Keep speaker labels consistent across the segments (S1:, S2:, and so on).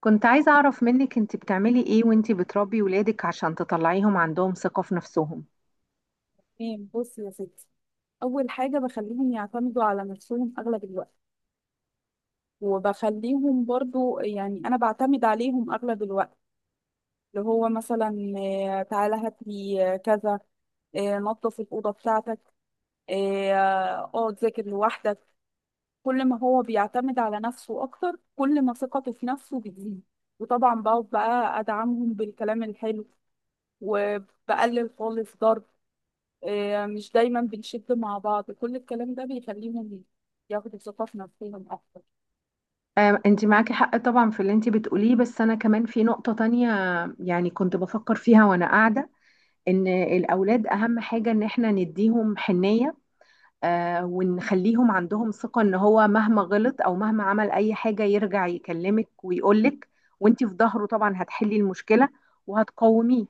S1: كنت عايزة أعرف منك أنت بتعملي إيه وأنت بتربي ولادك عشان تطلعيهم عندهم ثقة في نفسهم.
S2: تمام، بصي يا ستي. اول حاجه بخليهم يعتمدوا على نفسهم اغلب الوقت. وبخليهم برضو، يعني انا بعتمد عليهم اغلب الوقت. اللي هو مثلا، تعالى هات لي، كذا. نظف الاوضه بتاعتك. اه ذاكر لوحدك. كل ما هو بيعتمد على نفسه اكتر، كل ما ثقته في نفسه بتزيد. وطبعا بقعد بقى ادعمهم بالكلام الحلو، وبقلل خالص ضرب. مش دايما بنشد مع بعض. كل الكلام ده بيخليهم ياخدوا ثقة في نفسهم أكتر.
S1: أنت معاكي حق طبعا في اللي أنت بتقوليه، بس أنا كمان في نقطة تانية، يعني كنت بفكر فيها وأنا قاعدة. إن الأولاد أهم حاجة إن إحنا نديهم حنية، ونخليهم عندهم ثقة ان هو مهما غلط او مهما عمل اي حاجة يرجع يكلمك ويقولك، وانتي في ظهره طبعا هتحلي المشكلة وهتقوميه.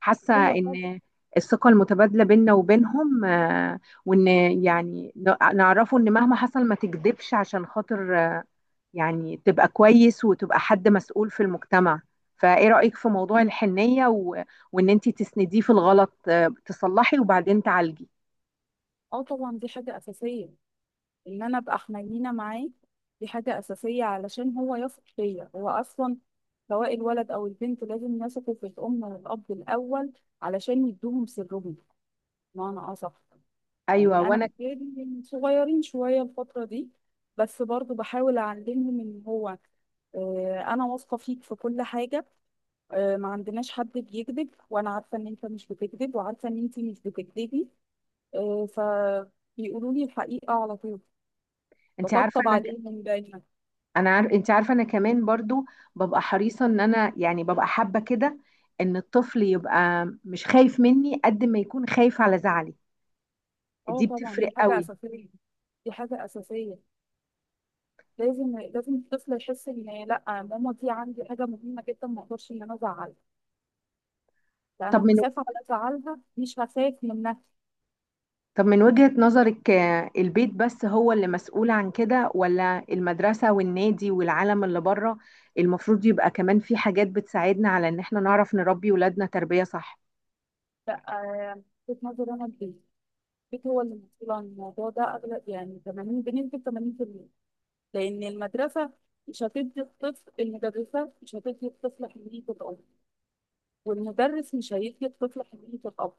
S1: حاسة
S2: أيوة طبعا.
S1: ان الثقة المتبادلة بيننا وبينهم، وان يعني نعرفه ان مهما حصل ما تكذبش، عشان خاطر يعني تبقى كويس وتبقى حد مسؤول في المجتمع. فايه رأيك في موضوع الحنية وان انتي تسنديه في الغلط، تصلحي وبعدين تعالجي؟
S2: أه طبعا، دي حاجة أساسية. إن أنا أبقى حنينة معاه دي حاجة أساسية، علشان هو يثق فيا هو أصلا. سواء الولد أو البنت لازم يثقوا في الأم والأب الأول، علشان يدوهم سرهم، بمعنى أصح.
S1: ايوه،
S2: يعني أنا
S1: وانا،
S2: بتهيألي صغيرين شوية الفترة دي، بس برضو بحاول أعلمهم إن هو، أنا واثقة فيك في كل حاجة. ما عندناش حد بيكذب، وانا عارفه ان انت مش بتكذب، وعارفه ان انت مش بتكذبي. فبيقولوا لي الحقيقه على طول،
S1: انت عارفه
S2: بطبطب
S1: انا،
S2: عليهم من دايما.
S1: انا عارف انت عارفه انا كمان برضو ببقى حريصه ان انا، يعني ببقى حابه كده ان الطفل يبقى مش خايف مني قد ما يكون خايف على زعلي.
S2: اه
S1: دي
S2: طبعا،
S1: بتفرق
S2: دي حاجه
S1: قوي.
S2: اساسيه، دي حاجه اساسيه. لازم لازم الطفل يحس ان لا، ماما دي عندي حاجه مهمه جدا، ما اقدرش ان انا ازعلها. لا،
S1: طب
S2: انا
S1: من
S2: هخاف على ازعلها، مش هخاف منها.
S1: طب من وجهة نظرك البيت بس هو اللي مسؤول عن كده، ولا المدرسة والنادي والعالم اللي بره المفروض يبقى كمان في حاجات بتساعدنا على ان احنا نعرف نربي ولادنا تربية صح؟
S2: لا. وجهة نظري انا البيت. البيت هو اللي مسؤول عن الموضوع ده اغلب، يعني 80 بنسبه، 80%. لأن المدرسة مش هتدي الطفل، المدرسة مش هتدي الطفل حنية الأب. والمدرس مش هيدي الطفل حنية الأب.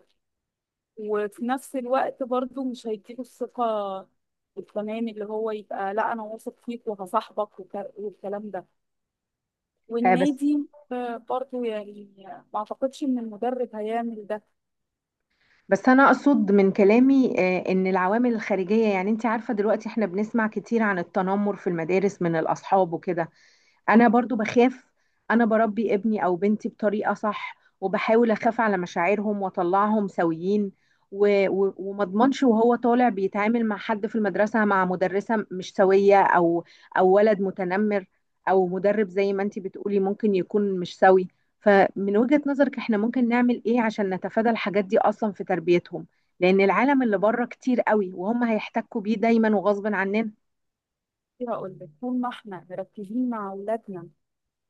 S2: وفي نفس الوقت برضه مش هيديله الثقة التمام اللي هو يبقى لا، أنا واثق فيك وهصاحبك، والكلام ده.
S1: آه، بس
S2: والنادي، برضه يعني ما أعتقدش إن المدرب هيعمل ده.
S1: بس انا اقصد من كلامي ان العوامل الخارجيه، يعني انت عارفه دلوقتي احنا بنسمع كتير عن التنمر في المدارس من الاصحاب وكده. انا برضو بخاف، انا بربي ابني او بنتي بطريقة صح وبحاول اخاف على مشاعرهم واطلعهم سويين، و- و- وما اضمنش وهو طالع بيتعامل مع حد في المدرسة، مع مدرسة مش سوية او ولد متنمر، او مدرب زي ما انتي بتقولي ممكن يكون مش سوي. فمن وجهة نظرك احنا ممكن نعمل ايه عشان نتفادى الحاجات دي اصلا في تربيتهم؟ لان العالم اللي بره كتير قوي وهم هيحتكوا بيه دايما وغصب عننا.
S2: هقول لك، طول ما احنا مركزين مع أولادنا،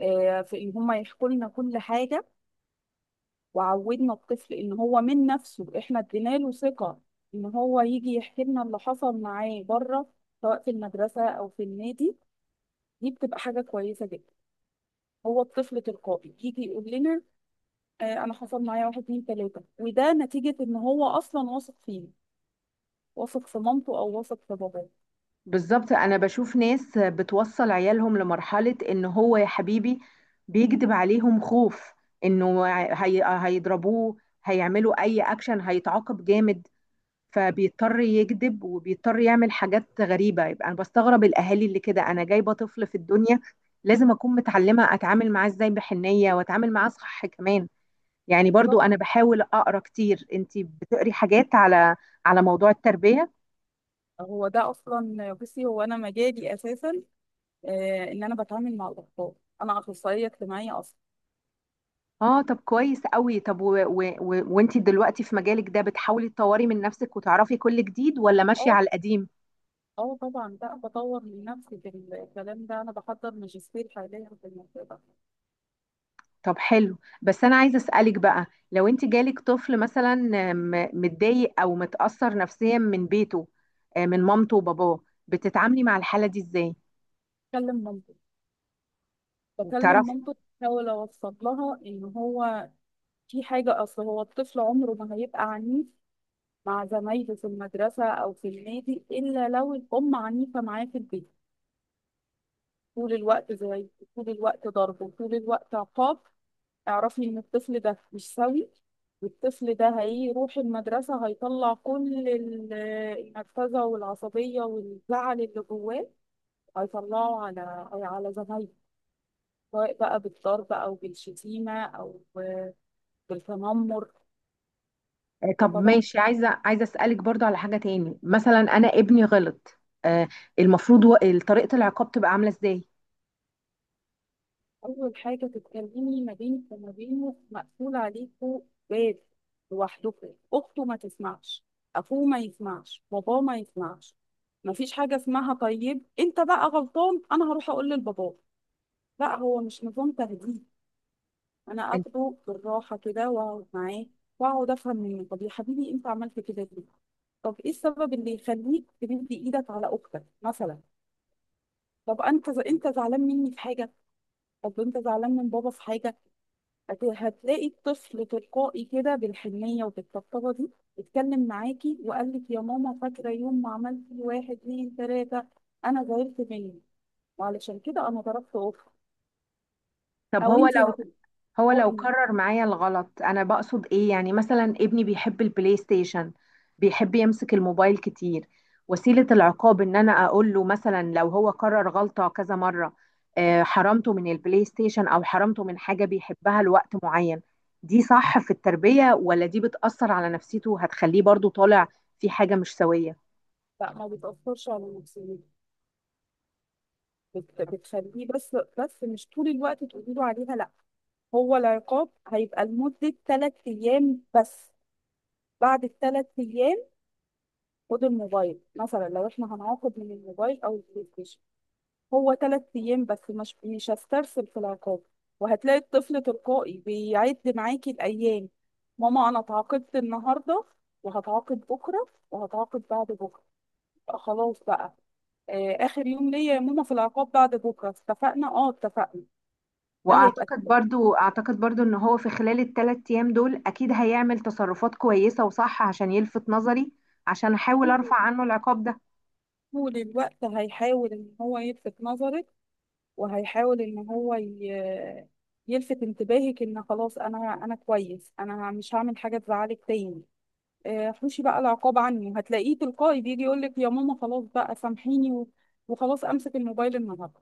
S2: في إن هم يحكوا لنا كل حاجة، وعودنا الطفل ان هو من نفسه. احنا ادينا له ثقة ان هو يجي يحكي لنا اللي حصل معاه بره، سواء في المدرسة او في النادي، دي بتبقى حاجة كويسة جدا. هو الطفل تلقائي يجي يقول لنا، انا حصل معايا واحد اتنين تلاتة. وده نتيجة ان هو اصلا واثق فينا، واثق في مامته او واثق في باباه.
S1: بالظبط، انا بشوف ناس بتوصل عيالهم لمرحلة ان هو، يا حبيبي، بيكذب عليهم خوف انه هيضربوه، هيعملوا اي اكشن، هيتعاقب جامد، فبيضطر يكذب وبيضطر يعمل حاجات غريبة. يبقى انا بستغرب الاهالي اللي كده. انا جايبة طفل في الدنيا، لازم اكون متعلمة اتعامل معاه ازاي بحنية واتعامل معاه صح كمان. يعني برضو
S2: بالظبط.
S1: انا بحاول اقرا كتير، انتي بتقري حاجات على على موضوع التربية؟
S2: هو ده اصلا، بصي، هو انا مجالي اساسا، ان انا بتعامل مع الاطفال. انا اخصائيه اجتماعيه اصلا.
S1: اه طب كويس قوي. طب و... و... و... وانتي دلوقتي في مجالك ده بتحاولي تطوري من نفسك وتعرفي كل جديد ولا ماشية على القديم؟
S2: اه طبعا، لا بطور من نفسي في الكلام ده، انا بحضر ماجستير حاليا في الموضوع ده.
S1: طب حلو. بس انا عايزة اسألك بقى، لو انتي جالك طفل مثلا متضايق او متأثر نفسيا من بيته، من مامته وباباه، بتتعاملي مع الحالة دي ازاي؟
S2: بكلم مامته، بكلم
S1: وبتعرفي؟
S2: مامته. بحاول اوصل لها ان هو في حاجه. اصل هو الطفل عمره ما هيبقى عنيف مع زمايله في المدرسه او في النادي الا لو الام عنيفه معاه في البيت طول الوقت. زي طول الوقت ضرب، وطول الوقت عقاب. اعرفي ان الطفل ده مش سوي. والطفل ده هيروح المدرسة، هيطلع كل النرفزة والعصبية والزعل اللي جواه. هيطلعوا على زمايله، سواء بقى بالضرب أو بالشتيمة أو بالتنمر.
S1: طب
S2: فطبعا،
S1: ماشي، عايزة اسألك برضو على حاجة تاني. مثلا انا ابني غلط، آه، المفروض طريقة العقاب تبقى عاملة ازاي؟
S2: أول حاجة تتكلمي ما بينك وما بينه، مقفول عليكوا باب، لوحدكوا. أخته ما تسمعش، أخوه ما يسمعش، باباه ما يسمعش. مفيش حاجة اسمها طيب أنت بقى غلطان أنا هروح أقول لباباه، لا. هو مش نظام تهديد. انا
S1: أنت-
S2: اخده بالراحه كده، واقعد معاه، واقعد افهم منه. طب يا حبيبي، انت عملت كده ليه؟ طب ايه السبب اللي يخليك تمد ايدك على اختك مثلا؟ طب انت انت زعلان مني في حاجه؟ طب انت زعلان من بابا في حاجه؟ هتلاقي الطفل تلقائي كده، بالحنيه وبالطبطبه دي، اتكلم معاكي وقال لك، يا ماما، فاكره يوم ما عملت واحد اتنين تلاته؟ انا زعلت مني، وعلشان كده انا ضربت اختي.
S1: طب
S2: او
S1: هو
S2: انت
S1: لو هو لو
S2: هتلقائي.
S1: كرر معايا الغلط، انا بقصد ايه يعني، مثلا ابني بيحب البلاي ستيشن، بيحب يمسك الموبايل كتير، وسيلة العقاب ان انا اقول له مثلا لو هو كرر غلطة كذا مرة، حرمته من البلاي ستيشن او حرمته من حاجة بيحبها لوقت معين، دي صح في التربية ولا دي بتأثر على نفسيته وهتخليه برضو طالع في حاجة مش سوية؟
S2: لا ما بتاثرش على نفسيتك. بتخليه، بس بس مش طول الوقت تقولي له عليها، لا. هو العقاب هيبقى لمدة ثلاث أيام بس. بعد الثلاث أيام، خد الموبايل مثلا، لو احنا هنعاقب من الموبايل أو البلاي ستيشن، هو ثلاث أيام بس، مش هسترسل في العقاب. وهتلاقي الطفل تلقائي بيعد معاكي الأيام، ماما أنا اتعاقبت النهاردة، وهتعاقب بكرة، وهتعاقب بعد بكرة، يبقى خلاص بقى آخر يوم ليا يا ماما في العقاب بعد بكرة. اتفقنا؟ اه اتفقنا. ده هيبقى
S1: واعتقد برضو اعتقد برضو ان هو في خلال الثلاث ايام دول اكيد هيعمل تصرفات كويسة وصح عشان يلفت نظري، عشان احاول ارفع عنه العقاب ده.
S2: طول الوقت هيحاول ان هو يلفت نظرك، وهيحاول ان هو يلفت انتباهك ان خلاص، انا كويس، انا مش هعمل حاجه تزعلك تاني. حوشي بقى العقاب عني، هتلاقيه تلقائي بيجي يقول لك، يا ماما، خلاص بقى سامحيني وخلاص، امسك الموبايل النهارده.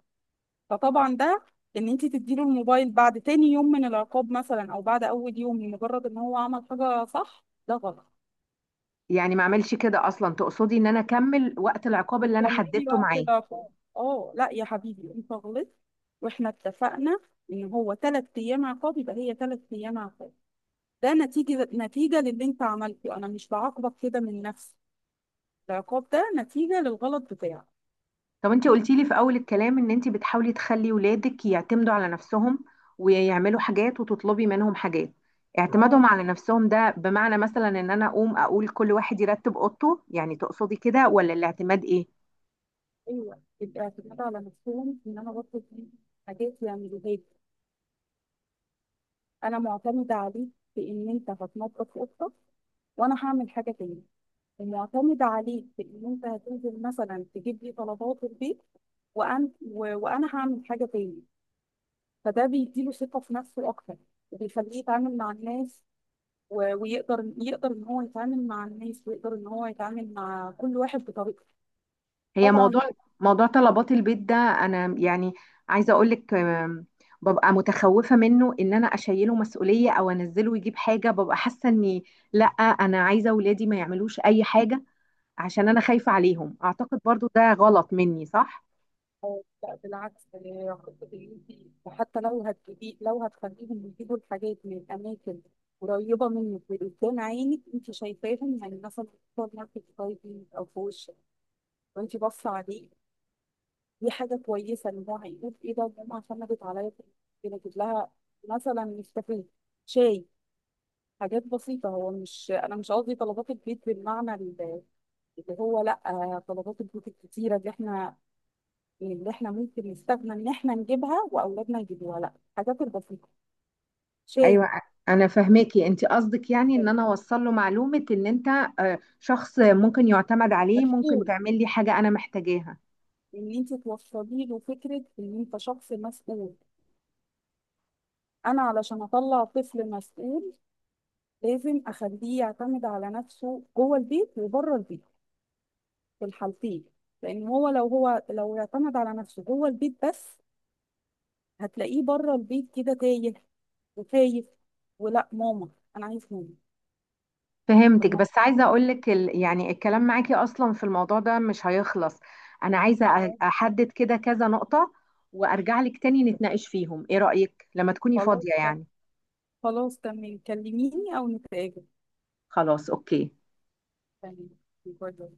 S2: فطبعا ده، ان انت تديله الموبايل بعد تاني يوم من العقاب مثلا، او بعد اول يوم، لمجرد ان هو عمل حاجه صح، ده غلط.
S1: يعني ما اعملش كده اصلا؟ تقصدي ان انا اكمل وقت العقاب اللي انا
S2: بتعملي لي
S1: حددته معاه؟
S2: وقت ضعف. اه لا يا حبيبي، انت غلطت، واحنا اتفقنا ان هو ثلاث ايام عقاب، يبقى هي ثلاث ايام عقاب. ده نتيجه، نتيجه للي انت عملته. انا مش بعاقبك كده من نفسي، العقاب ده نتيجه للغلط بتاعك.
S1: طب انت قلتي لي في اول الكلام ان انت بتحاولي تخلي ولادك يعتمدوا على نفسهم، ويعملوا حاجات وتطلبي منهم حاجات.
S2: اه
S1: اعتمادهم على نفسهم ده بمعنى مثلا ان انا اقوم اقول كل واحد يرتب اوضته، يعني تقصدي كده ولا الاعتماد ايه؟
S2: ايوه، الاعتماد على نفسهم ان انا بطلب دي حاجات يعملوها لي. انا معتمده عليك في ان انت هتنظف اوضتك، وانا هعمل حاجه تاني. المعتمد عليك في ان انت هتنزل مثلا تجيب لي طلبات البيت، وانا هعمل حاجه تاني. فده بيديله ثقه في نفسه اكتر، وبيخليه يتعامل مع الناس، ويقدر ان هو يتعامل مع الناس، ويقدر ان هو يتعامل مع كل واحد بطريقته.
S1: هي
S2: طبعا.
S1: موضوع موضوع طلبات البيت ده، انا يعني عايزه اقول لك، ببقى متخوفه منه ان انا اشيله مسؤوليه او انزله يجيب حاجه، ببقى حاسه اني لا، انا عايزه اولادي ما يعملوش اي حاجه عشان انا خايفه عليهم. اعتقد برضو ده غلط مني، صح؟
S2: لا بالعكس. خطة اللي انت، حتى لو هتجيبي، لو هتخليهم يجيبوا الحاجات من اماكن قريبه منك وقدام عينك، انت شايفاهم، يعني مثلا في سوبر ماركت قريب منك، او في وشك وانت باصه عليه. دي حاجة كويسة، إن هو هيقول، إيه ده، ماما اعتمدت عليا في إني أجيب لها مثلا نسكافيه، شاي. حاجات بسيطة. هو مش، أنا مش قصدي طلبات البيت بالمعنى اللي هو، لأ، طلبات البيت الكتيرة اللي إحنا، اللي إحنا ممكن نستغنى إن إحنا نجيبها وأولادنا يجيبوها، لأ، الحاجات البسيطة، شاي.
S1: ايوه، انا فهماكي، انت قصدك يعني ان انا اوصل له معلومه ان انت شخص ممكن يعتمد عليه، ممكن
S2: مسؤول،
S1: تعمل لي حاجه انا محتاجاها.
S2: إن أنت توصلي له فكرة إن أنت شخص مسؤول. أنا علشان أطلع طفل مسؤول، لازم أخليه يعتمد على نفسه جوه البيت وبره البيت، في الحالتين. لان هو لو اعتمد على نفسه جوه البيت بس، هتلاقيه بره البيت كده تايه وخايف، ولا ماما، انا عايز ماما، في
S1: فهمتك،
S2: المطبخ.
S1: بس عايزة أقولك يعني الكلام معاكي أصلا في الموضوع ده مش هيخلص. أنا عايزة
S2: آه،
S1: أحدد كده كذا نقطة وأرجع لك تاني نتناقش فيهم، إيه رأيك لما تكوني
S2: خلاص
S1: فاضية
S2: تمام.
S1: يعني؟
S2: خلاص تمام، كلميني او نتقابل.
S1: خلاص، أوكي.
S2: تمام. باي باي.